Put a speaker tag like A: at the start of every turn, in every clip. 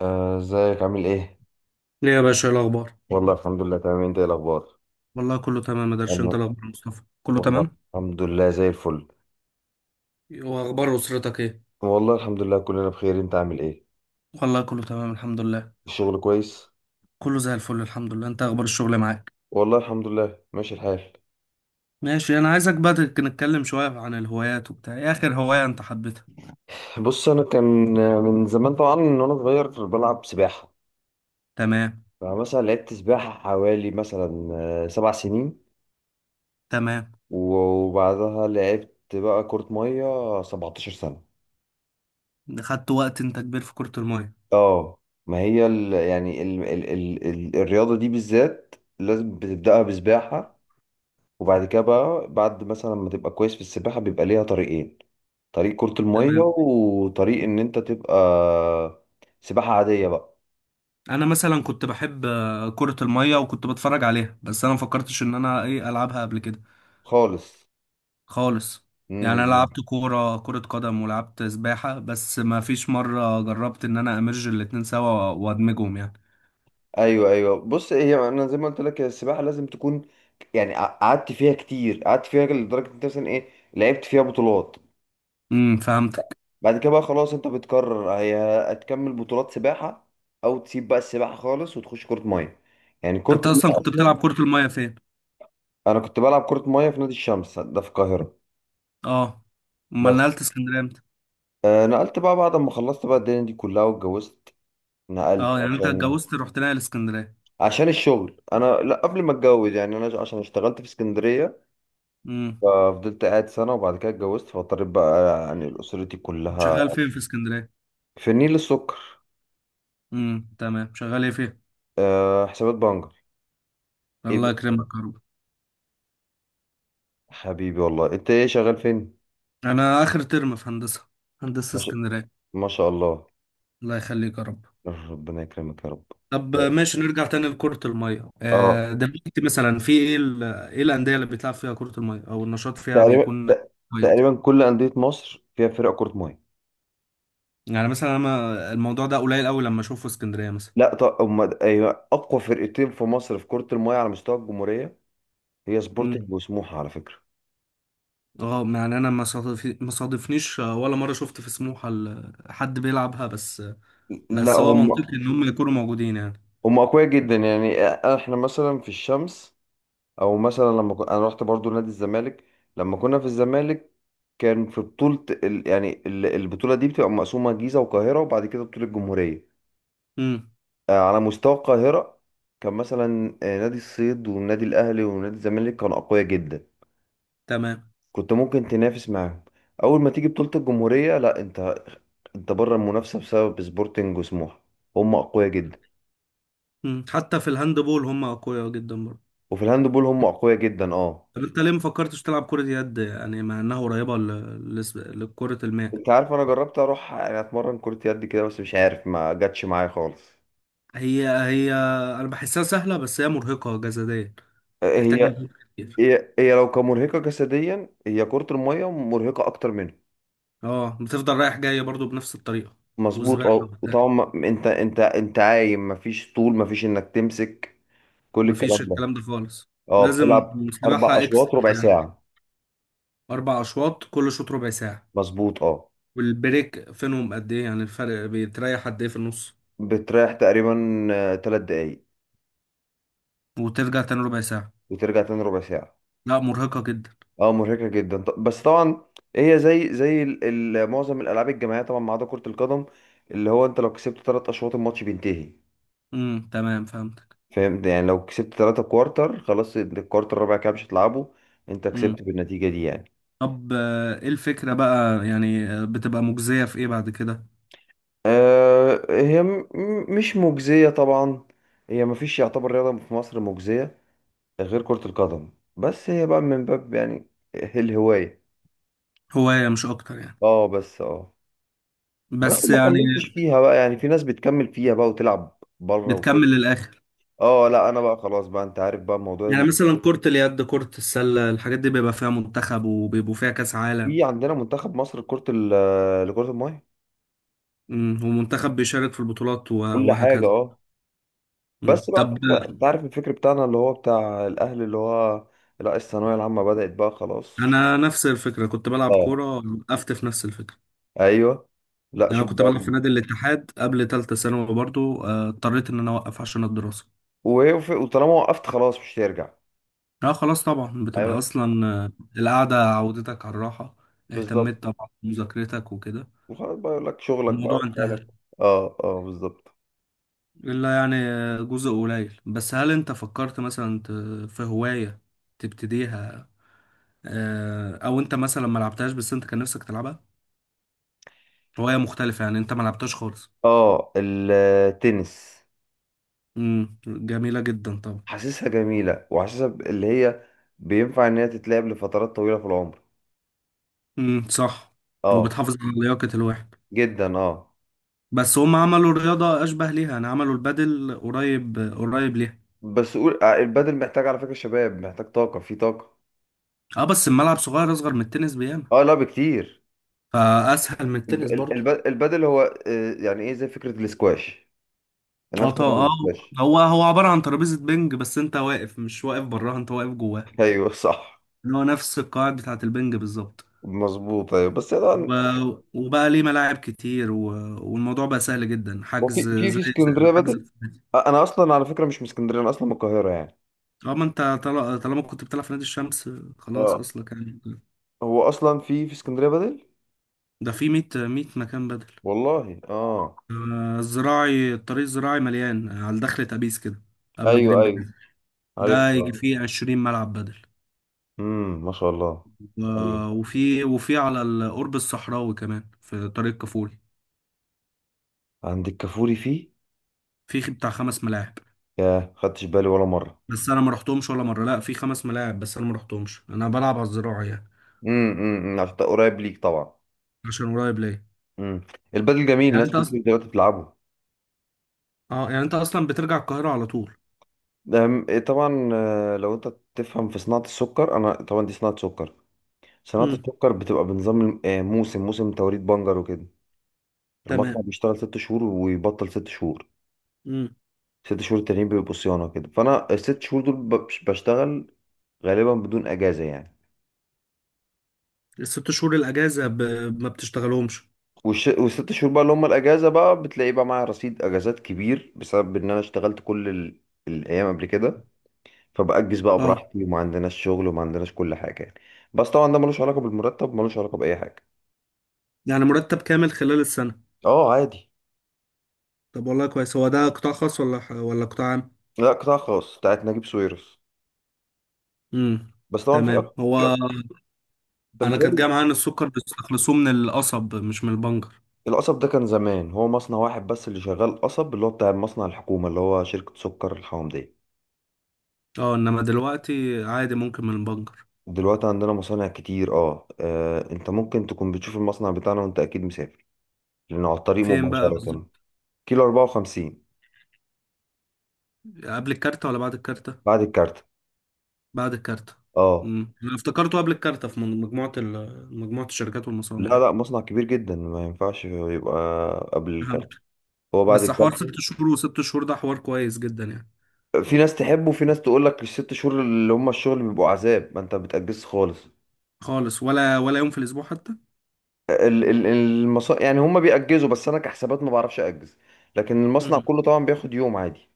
A: ازيك عامل ايه؟
B: ليه يا باشا؟ إيه الاخبار؟
A: والله الحمد لله تمام، انت ايه الاخبار؟
B: والله كله تمام يا درش، انت
A: والله.
B: الاخبار يا مصطفى؟ كله
A: والله
B: تمام.
A: الحمد لله زي الفل.
B: واخبار اسرتك ايه؟
A: والله الحمد لله كلنا بخير، انت عامل ايه؟
B: والله كله تمام الحمد لله.
A: الشغل كويس؟
B: كله زي الفل الحمد لله، انت اخبار الشغل معاك؟
A: والله الحمد لله ماشي الحال.
B: ماشي. انا عايزك بقى نتكلم شويه عن الهوايات وبتاع، ايه اخر هوايه انت حبيتها؟
A: بص، انا كان من زمان طبعا من وانا صغير بلعب سباحة.
B: تمام.
A: فمثلا لعبت سباحة حوالي مثلا 7 سنين.
B: تمام.
A: وبعدها لعبت بقى كرة مية 17 سنة.
B: خدت وقت، انت كبير في كره الميه؟
A: اه. ما هي ال يعني ال ال ال ال الرياضة دي بالذات لازم بتبدأها بسباحة. وبعد كده بقى، بعد مثلا ما تبقى كويس في السباحة، بيبقى ليها طريقين. طريق كرة المية
B: تمام.
A: وطريق ان انت تبقى سباحة عادية بقى.
B: انا مثلا كنت بحب كره الميه وكنت بتفرج عليها، بس انا ما فكرتش ان انا ايه العبها قبل كده.
A: خالص.
B: خالص. يعني انا
A: امم.
B: لعبت كره قدم ولعبت سباحه، بس ما فيش مره جربت ان انا امرج الاتنين سوا وادمجهم يعني.
A: ايوه، ايوه، بص، هي انا زي ما قلت لك، هي السباحة لازم تكون يعني قعدت فيها كتير، قعدت فيها لدرجة إن انت مثلا ايه، لعبت فيها بطولات.
B: فهمتك.
A: بعد كده بقى خلاص، انت بتقرر هي هتكمل بطولات سباحة او تسيب بقى السباحة خالص وتخش كرة مية. يعني كرة
B: انت
A: المية
B: اصلا كنت
A: اصلا.
B: بتلعب كره الميه فين؟
A: انا كنت بلعب كرة مية في نادي الشمس ده، في القاهرة.
B: اه. امال
A: بس
B: نقلت اسكندريه امتى؟
A: نقلت بقى بعد ما خلصت بقى الدنيا دي كلها واتجوزت. نقلت
B: اه، يعني انت
A: عشان
B: اتجوزت رحت ناقل اسكندريه؟
A: عشان الشغل. انا لا، قبل ما اتجوز يعني، انا عشان اشتغلت في اسكندريه،
B: امم.
A: ففضلت قاعد سنه وبعد كده اتجوزت فاضطريت بقى يعني اسرتي
B: كنت
A: كلها.
B: شغال فين في اسكندريه؟
A: في النيل السكر.
B: تمام. شغال ايه فين؟
A: حسابات بنجر. ايه
B: الله
A: بقى؟
B: يكرمك يا رب.
A: حبيبي والله، انت ايه شغال فين؟
B: انا اخر ترم في هندسه، هندسه
A: ما شاء
B: اسكندريه.
A: ما شاء الله.
B: الله يخليك يا رب.
A: ربنا يكرمك يا رب.
B: طب ماشي، نرجع تاني لكرة المية.
A: اه.
B: دلوقتي مثلا في ايه، ايه الأندية اللي بتلعب فيها كرة المية او النشاط فيها
A: تقريبا
B: بيكون
A: ت- تقريبا
B: كويس؟
A: كل انديه مصر فيها فرق كره ميه.
B: يعني مثلا انا الموضوع ده قليل قوي لما اشوفه في اسكندرية مثلا.
A: لا طب أيوة، أقوى فرقتين في مصر في كرة المية على مستوى الجمهورية هي سبورتنج
B: امم.
A: وسموحة على فكرة.
B: اه، يعني انا ما صادفنيش ولا مرة شفت في سموحة حد بيلعبها، بس
A: لا،
B: بس هو منطقي
A: هم
B: ان هم يكونوا موجودين يعني.
A: هم أقوياء جدا يعني. إحنا مثلا في الشمس، أو مثلا أنا رحت برضو نادي الزمالك. لما كنا في الزمالك كان في بطولة ال... يعني ال- البطولة دي بتبقى مقسومة جيزة والقاهرة، وبعد كده بطولة الجمهورية.
B: امم،
A: على مستوى القاهرة كان مثلا نادي الصيد والنادي الأهلي ونادي الزمالك كانوا أقوياء جدا.
B: تمام.
A: كنت ممكن تنافس معاهم. اول ما تيجي بطولة الجمهورية، لا، انت بره المنافسة بسبب سبورتنج وسموحة. هم اقوياء جدا.
B: حتى في الهاند بول هم اقوياء جدا برضه.
A: وفي الهاند بول هم اقوياء جدا، اه.
B: طب انت ليه ما فكرتش تلعب كرة يد يعني، مع انها قريبة لكرة الماء؟
A: انت عارف، انا جربت اروح يعني اتمرن كرة يد كده، بس مش عارف، ما جاتش معايا خالص.
B: هي هي، انا بحسها سهله، بس هي مرهقه جسديا، تحتاج
A: هي
B: مجهود كتير.
A: هي هي لو كمرهقة جسديا، هي كرة المية مرهقة اكتر منها.
B: اه، بتفضل رايح جاي برضو بنفس الطريقه،
A: مظبوط
B: وسباحه
A: اه،
B: وبتاع.
A: وطبعا انت عايم، مفيش طول، مفيش انك تمسك كل الكلام
B: مفيش
A: ده.
B: الكلام ده خالص.
A: اه،
B: لازم
A: بتلعب اربع
B: سباحه
A: اشواط
B: اكسترا
A: ربع
B: يعني،
A: ساعة.
B: اربع اشواط، كل شوط ربع ساعه.
A: مظبوط اه.
B: والبريك فينهم قد ايه؟ يعني الفرق بيتريح قد ايه في النص؟
A: بتريح تقريبا 3 دقايق
B: وترجع تاني ربع ساعه.
A: وترجع تاني ربع ساعة.
B: لا، مرهقه جدا.
A: اه مرهقة جدا، بس طبعا هي زي معظم الألعاب الجماعية طبعا ما عدا كرة القدم، اللي هو انت لو كسبت 3 أشواط الماتش بينتهي.
B: امم، تمام، فهمتك.
A: فاهم؟ يعني لو كسبت 3 كوارتر خلاص، انت الكوارتر الرابع كده مش هتلعبه، انت كسبت
B: امم.
A: بالنتيجة دي يعني.
B: طب، ايه الفكره بقى؟ يعني بتبقى مجزيه في ايه بعد كده؟
A: هي مش مجزية طبعا. هي مفيش يعتبر رياضة في مصر مجزية غير كرة القدم. بس هي بقى من باب يعني الهواية.
B: هوايه مش اكتر يعني.
A: اه بس اه. بس
B: بس
A: ما
B: يعني
A: كملتش فيها بقى، يعني في ناس بتكمل فيها بقى وتلعب بره وكده.
B: بتكمل للاخر؟
A: اه لا، انا بقى خلاص بقى، انت عارف بقى موضوع
B: يعني مثلا كرة اليد، كرة السلة، الحاجات دي بيبقى فيها منتخب وبيبقوا فيها كأس عالم.
A: في عندنا منتخب مصر لكرة المية.
B: مم. ومنتخب بيشارك في البطولات
A: كل حاجة
B: وهكذا.
A: اه.
B: مم.
A: بس بقى
B: طب،
A: انت عارف الفكر بتاعنا اللي هو بتاع الاهل اللي هو، لا الثانوية العامة بدأت بقى خلاص مش.
B: انا نفس الفكرة كنت بلعب
A: اه
B: كورة، وقفت في نفس الفكرة.
A: ايوه. لا،
B: يعني
A: شوف
B: انا كنت بلعب في
A: بقى.
B: نادي الاتحاد قبل تالتة ثانوي برضو، اضطريت ان انا اوقف عشان الدراسة.
A: وطالما وقفت خلاص مش هترجع.
B: اه خلاص طبعا، بتبقى
A: ايوه
B: اصلا القعدة عودتك على الراحة، اهتميت
A: بالظبط.
B: طبعا بمذاكرتك وكده،
A: وخلاص بقى يقول لك شغلك بقى
B: الموضوع انتهى.
A: وحالك. اه اه بالظبط.
B: إلا يعني جزء قليل، بس هل أنت فكرت مثلا في هواية تبتديها؟ أو أنت مثلا ما لعبتهاش بس أنت كان نفسك تلعبها، هواية مختلفة يعني أنت ما لعبتهاش خالص؟
A: اه، التنس.
B: جميلة جدا طبعا.
A: حاسسها جميلة وحاسسها اللي هي بينفع إن هي تتلعب لفترات طويلة في العمر.
B: امم، صح.
A: اه.
B: وبتحافظ على لياقة الواحد.
A: جدا اه.
B: بس هم عملوا رياضة أشبه ليها، يعني عملوا البادل قريب قريب ليها.
A: بس قول البادل محتاج على فكرة شباب، محتاج طاقة في طاقة.
B: أه بس الملعب صغير، أصغر من التنس بياما،
A: اه لا بكتير.
B: فأسهل من التنس برضه.
A: البادل هو يعني ايه زي فكرة الاسكواش،
B: اه
A: نفس
B: طبعا
A: فكرة
B: اه.
A: الاسكواش.
B: هو هو عبارة عن ترابيزة بينج، بس انت واقف مش واقف براها، انت واقف جواها.
A: ايوه صح.
B: اللي هو نفس القواعد بتاعة البنج بالظبط.
A: مظبوط ايوه بس طبعا
B: و... وبقى ليه ملاعب كتير، والموضوع بقى سهل جدا،
A: وفي
B: حجز
A: في في اسكندرية
B: حجز
A: بادل.
B: في النادي.
A: انا اصلا على فكرة مش من اسكندرية، انا اصلا من القاهرة يعني.
B: اه، ما انت طالما كنت بتلعب في نادي الشمس خلاص
A: اه،
B: اصلك يعني.
A: هو اصلا في اسكندرية بادل.
B: ده في 100 مكان بدل.
A: والله اه.
B: الطريق الزراعي مليان على دخلة أبيس كده، قبل
A: ايوه،
B: جرين
A: ايوه،
B: بلاد.
A: عارف.
B: ده يجي فيه 20 ملعب بدل.
A: امم، ما شاء الله. ايوه،
B: وفي على القرب الصحراوي كمان في طريق كفول،
A: عندك كفوري فيه.
B: في بتاع خمس ملاعب.
A: يا خدتش بالي ولا مره.
B: بس انا ما رحتهمش ولا مره. لا، في خمس ملاعب بس انا ما رحتهمش، انا بلعب على الزراعه يعني،
A: امم، امم، عشان ده قريب ليك طبعا.
B: عشان قريب ليا.
A: امم. البدل جميل،
B: يعني
A: ناس
B: انت اصلا،
A: كتير دلوقتي بتلعبه.
B: اه يعني انت اصلا بترجع القاهره على طول؟
A: إيه طبعا، لو انت تفهم في صناعه السكر، انا طبعا دي صناعه سكر. صناعه
B: امم،
A: السكر بتبقى بنظام موسم توريد بنجر وكده. المصنع
B: تمام.
A: بيشتغل 6 شهور ويبطل 6 شهور.
B: امم
A: ست شهور التانيين بيبقوا صيانه كده، فانا ال6 شهور دول بشتغل غالبا بدون اجازه يعني.
B: الست شهور الاجازه ما بتشتغلهمش؟
A: وال6 شهور بقى اللي هم الاجازه، بقى بتلاقي بقى معايا رصيد اجازات كبير بسبب ان انا اشتغلت كل الايام قبل كده، فبأجز بقى
B: اه،
A: براحتي وما عندناش شغل وما عندناش كل حاجه يعني. بس طبعا ده ملوش علاقه بالمرتب، ملوش علاقه باي حاجه.
B: يعني مرتب كامل خلال السنه؟
A: اه عادي.
B: طب والله كويس. هو ده قطاع خاص ولا ولا قطاع عام؟
A: لا، قطاع خاص بتاعت نجيب ساويرس.
B: امم،
A: بس طبعا
B: تمام. هو
A: أنت
B: انا كانت جايه
A: متهيألي.
B: معايا ان السكر بيستخلصوه من القصب مش من البنجر.
A: القصب ده كان زمان، هو مصنع واحد بس اللي شغال قصب، اللي هو بتاع مصنع الحكومه، اللي هو شركه سكر الحومديه.
B: اه، انما دلوقتي عادي ممكن من البنجر.
A: دلوقتي عندنا مصانع كتير اه، انت ممكن تكون بتشوف المصنع بتاعنا وانت اكيد مسافر، لأنه على الطريق
B: فين بقى
A: مباشرة.
B: بالظبط؟
A: كيلو 54.
B: قبل الكارتة ولا بعد الكارتة؟
A: بعد الكارت.
B: بعد الكارتة.
A: اه،
B: انا افتكرته قبل الكارتة في مجموعة الشركات والمصانع
A: لا،
B: يعني.
A: لا، مصنع كبير جدا ما ينفعش يبقى قبل
B: فهمت.
A: الكارت. هو بعد
B: بس حوار
A: الكارت.
B: ست شهور وست شهور ده حوار كويس جدا يعني.
A: في ناس تحبه وفي ناس تقول لك ال6 شهور اللي هم الشغل بيبقوا عذاب، ما انت بتأجز خالص.
B: خالص؟ ولا يوم في الأسبوع حتى؟
A: ال- ال- المصا يعني هم بيأجزوا، بس انا كحسابات ما بعرفش أجز، لكن المصنع
B: امم
A: كله طبعا بياخد يوم عادي.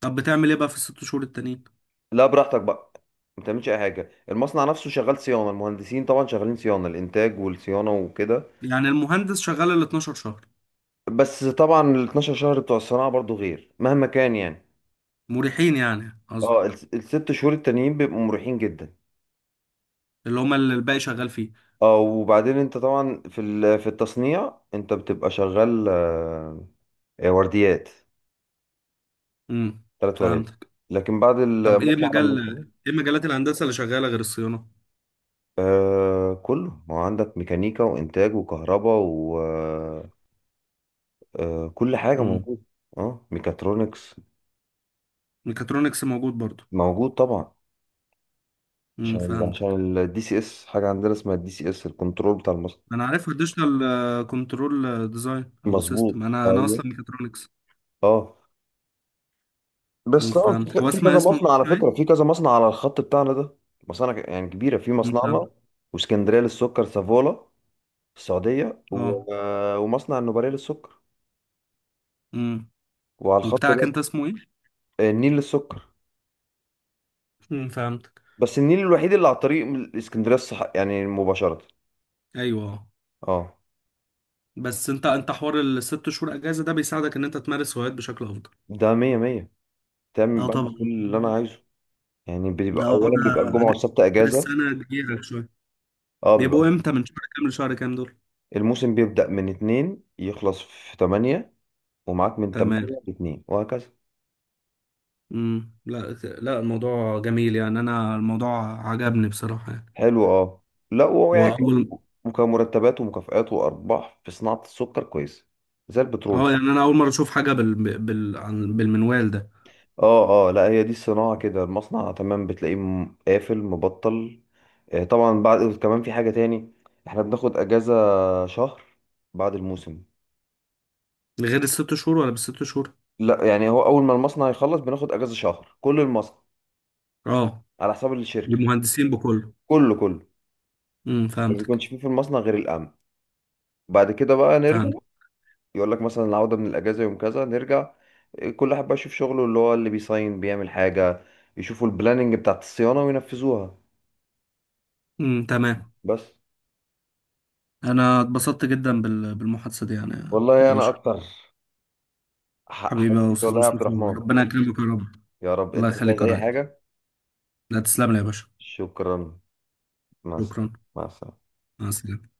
B: طب بتعمل ايه بقى في الست شهور التانيين؟
A: لا، براحتك بقى، ما بتعملش اي حاجه. المصنع نفسه شغال صيانه، المهندسين طبعا شغالين صيانه الانتاج والصيانه وكده.
B: يعني المهندس شغال ال 12 شهر؟
A: بس طبعا ال 12 شهر بتوع الصناعة برضو غير مهما كان يعني.
B: مريحين يعني
A: اه،
B: قصدك؟
A: ال6 شهور التانيين بيبقوا مريحين جدا.
B: اللي هما اللي الباقي شغال فيه؟
A: اه وبعدين انت طبعا في التصنيع انت بتبقى شغال ورديات.
B: امم
A: 3 ورديات.
B: فهمتك.
A: لكن بعد
B: طب ايه
A: المصنع لما
B: مجال،
A: يخلص،
B: ايه مجالات الهندسة اللي شغالة غير الصيانة؟
A: كله، ما هو عندك ميكانيكا وانتاج وكهرباء وكل حاجة
B: امم
A: موجودة. اه، ميكاترونكس
B: ميكاترونكس موجود برضو؟
A: موجود طبعا. عشان
B: فهمتك.
A: عشان الدي سي اس، حاجة عندنا اسمها الدي سي اس الكنترول بتاع المصنع.
B: انا عارف اديشنال كنترول ديزاين او
A: مظبوط
B: سيستم، انا
A: ايوه
B: اصلا ميكاترونكس.
A: اه، بس طبعا
B: فهمت،
A: في
B: هو
A: في
B: اسمها
A: كذا
B: اسم
A: مصنع على
B: المقطع
A: فكره،
B: ايه؟
A: في كذا مصنع على الخط بتاعنا ده. مصانع يعني كبيره. في مصنعنا
B: فهمت.
A: واسكندريه للسكر سافولا في السعوديه
B: اه.
A: و... آه، ومصنع النوبارية للسكر.
B: امم
A: وعلى الخط
B: وبتاعك انت
A: برضه
B: اسمه ايه؟
A: النيل للسكر.
B: فهمتك.
A: بس النيل الوحيد اللي على طريق من اسكندريه الصح يعني مباشره.
B: ايوه،
A: اه،
B: بس انت حوار الست شهور اجازه ده بيساعدك ان انت تمارس هوايات بشكل افضل؟
A: ده مية مية، تعمل
B: اه
A: بعمل كل
B: طبعا.
A: اللي انا عايزه. يعني
B: ده
A: بيبقى
B: اه
A: اولا بيبقى
B: ده
A: الجمعه
B: اجازه.
A: والسبت اجازه.
B: السنه كبيره شويه،
A: اه بيبقى
B: بيبقوا امتى من شهر كام لشهر كام دول؟
A: الموسم بيبدأ من اتنين يخلص في تمانية، ومعاك من
B: تمام.
A: تمانية لاتنين وهكذا.
B: امم، لا، لا الموضوع جميل يعني، انا الموضوع عجبني بصراحه يعني.
A: حلو اه. لا، هو يعني
B: واول
A: وكان مرتبات ومكافآت وأرباح في صناعة السكر كويسة، زي البترول
B: اه،
A: كده.
B: يعني انا اول مره اشوف حاجه بالمنوال ده.
A: اه، اه، لا هي دي الصناعة كده، المصنع تمام بتلاقيه قافل مبطل. طبعا بعد كمان في حاجة تاني، احنا بناخد أجازة شهر بعد الموسم.
B: غير الست شهور ولا بالست شهور؟
A: لا يعني، هو أول ما المصنع يخلص بناخد أجازة شهر كل المصنع،
B: اه،
A: على حساب الشركة.
B: للمهندسين بكله؟
A: كله كله. ما
B: فهمتك.
A: بيكونش فيه في المصنع غير الأمن. بعد كده بقى نرجع،
B: فهمت.
A: يقول لك مثلا العودة من الأجازة يوم كذا، نرجع. كل واحد بقى يشوف شغله، اللي هو اللي بيصين بيعمل حاجة، يشوفوا البلاننج بتاعت الصيانة وينفذوها.
B: امم، تمام.
A: بس.
B: انا اتبسطت جدا بالمحادثه دي يعني.
A: والله
B: يا
A: أنا
B: باشا،
A: أكتر.
B: حبيبي يا
A: حبيبي
B: استاذ
A: والله يا عبد
B: مصطفى.
A: الرحمن.
B: ربنا يكرمك يا رب.
A: يا رب.
B: الله
A: أنت مش عايز
B: يخليك يا
A: أي
B: ريس.
A: حاجة؟
B: لا، تسلم لي يا باشا.
A: شكرا. مع السلامة،
B: شكرا.
A: مع السلامة.
B: مع السلامه.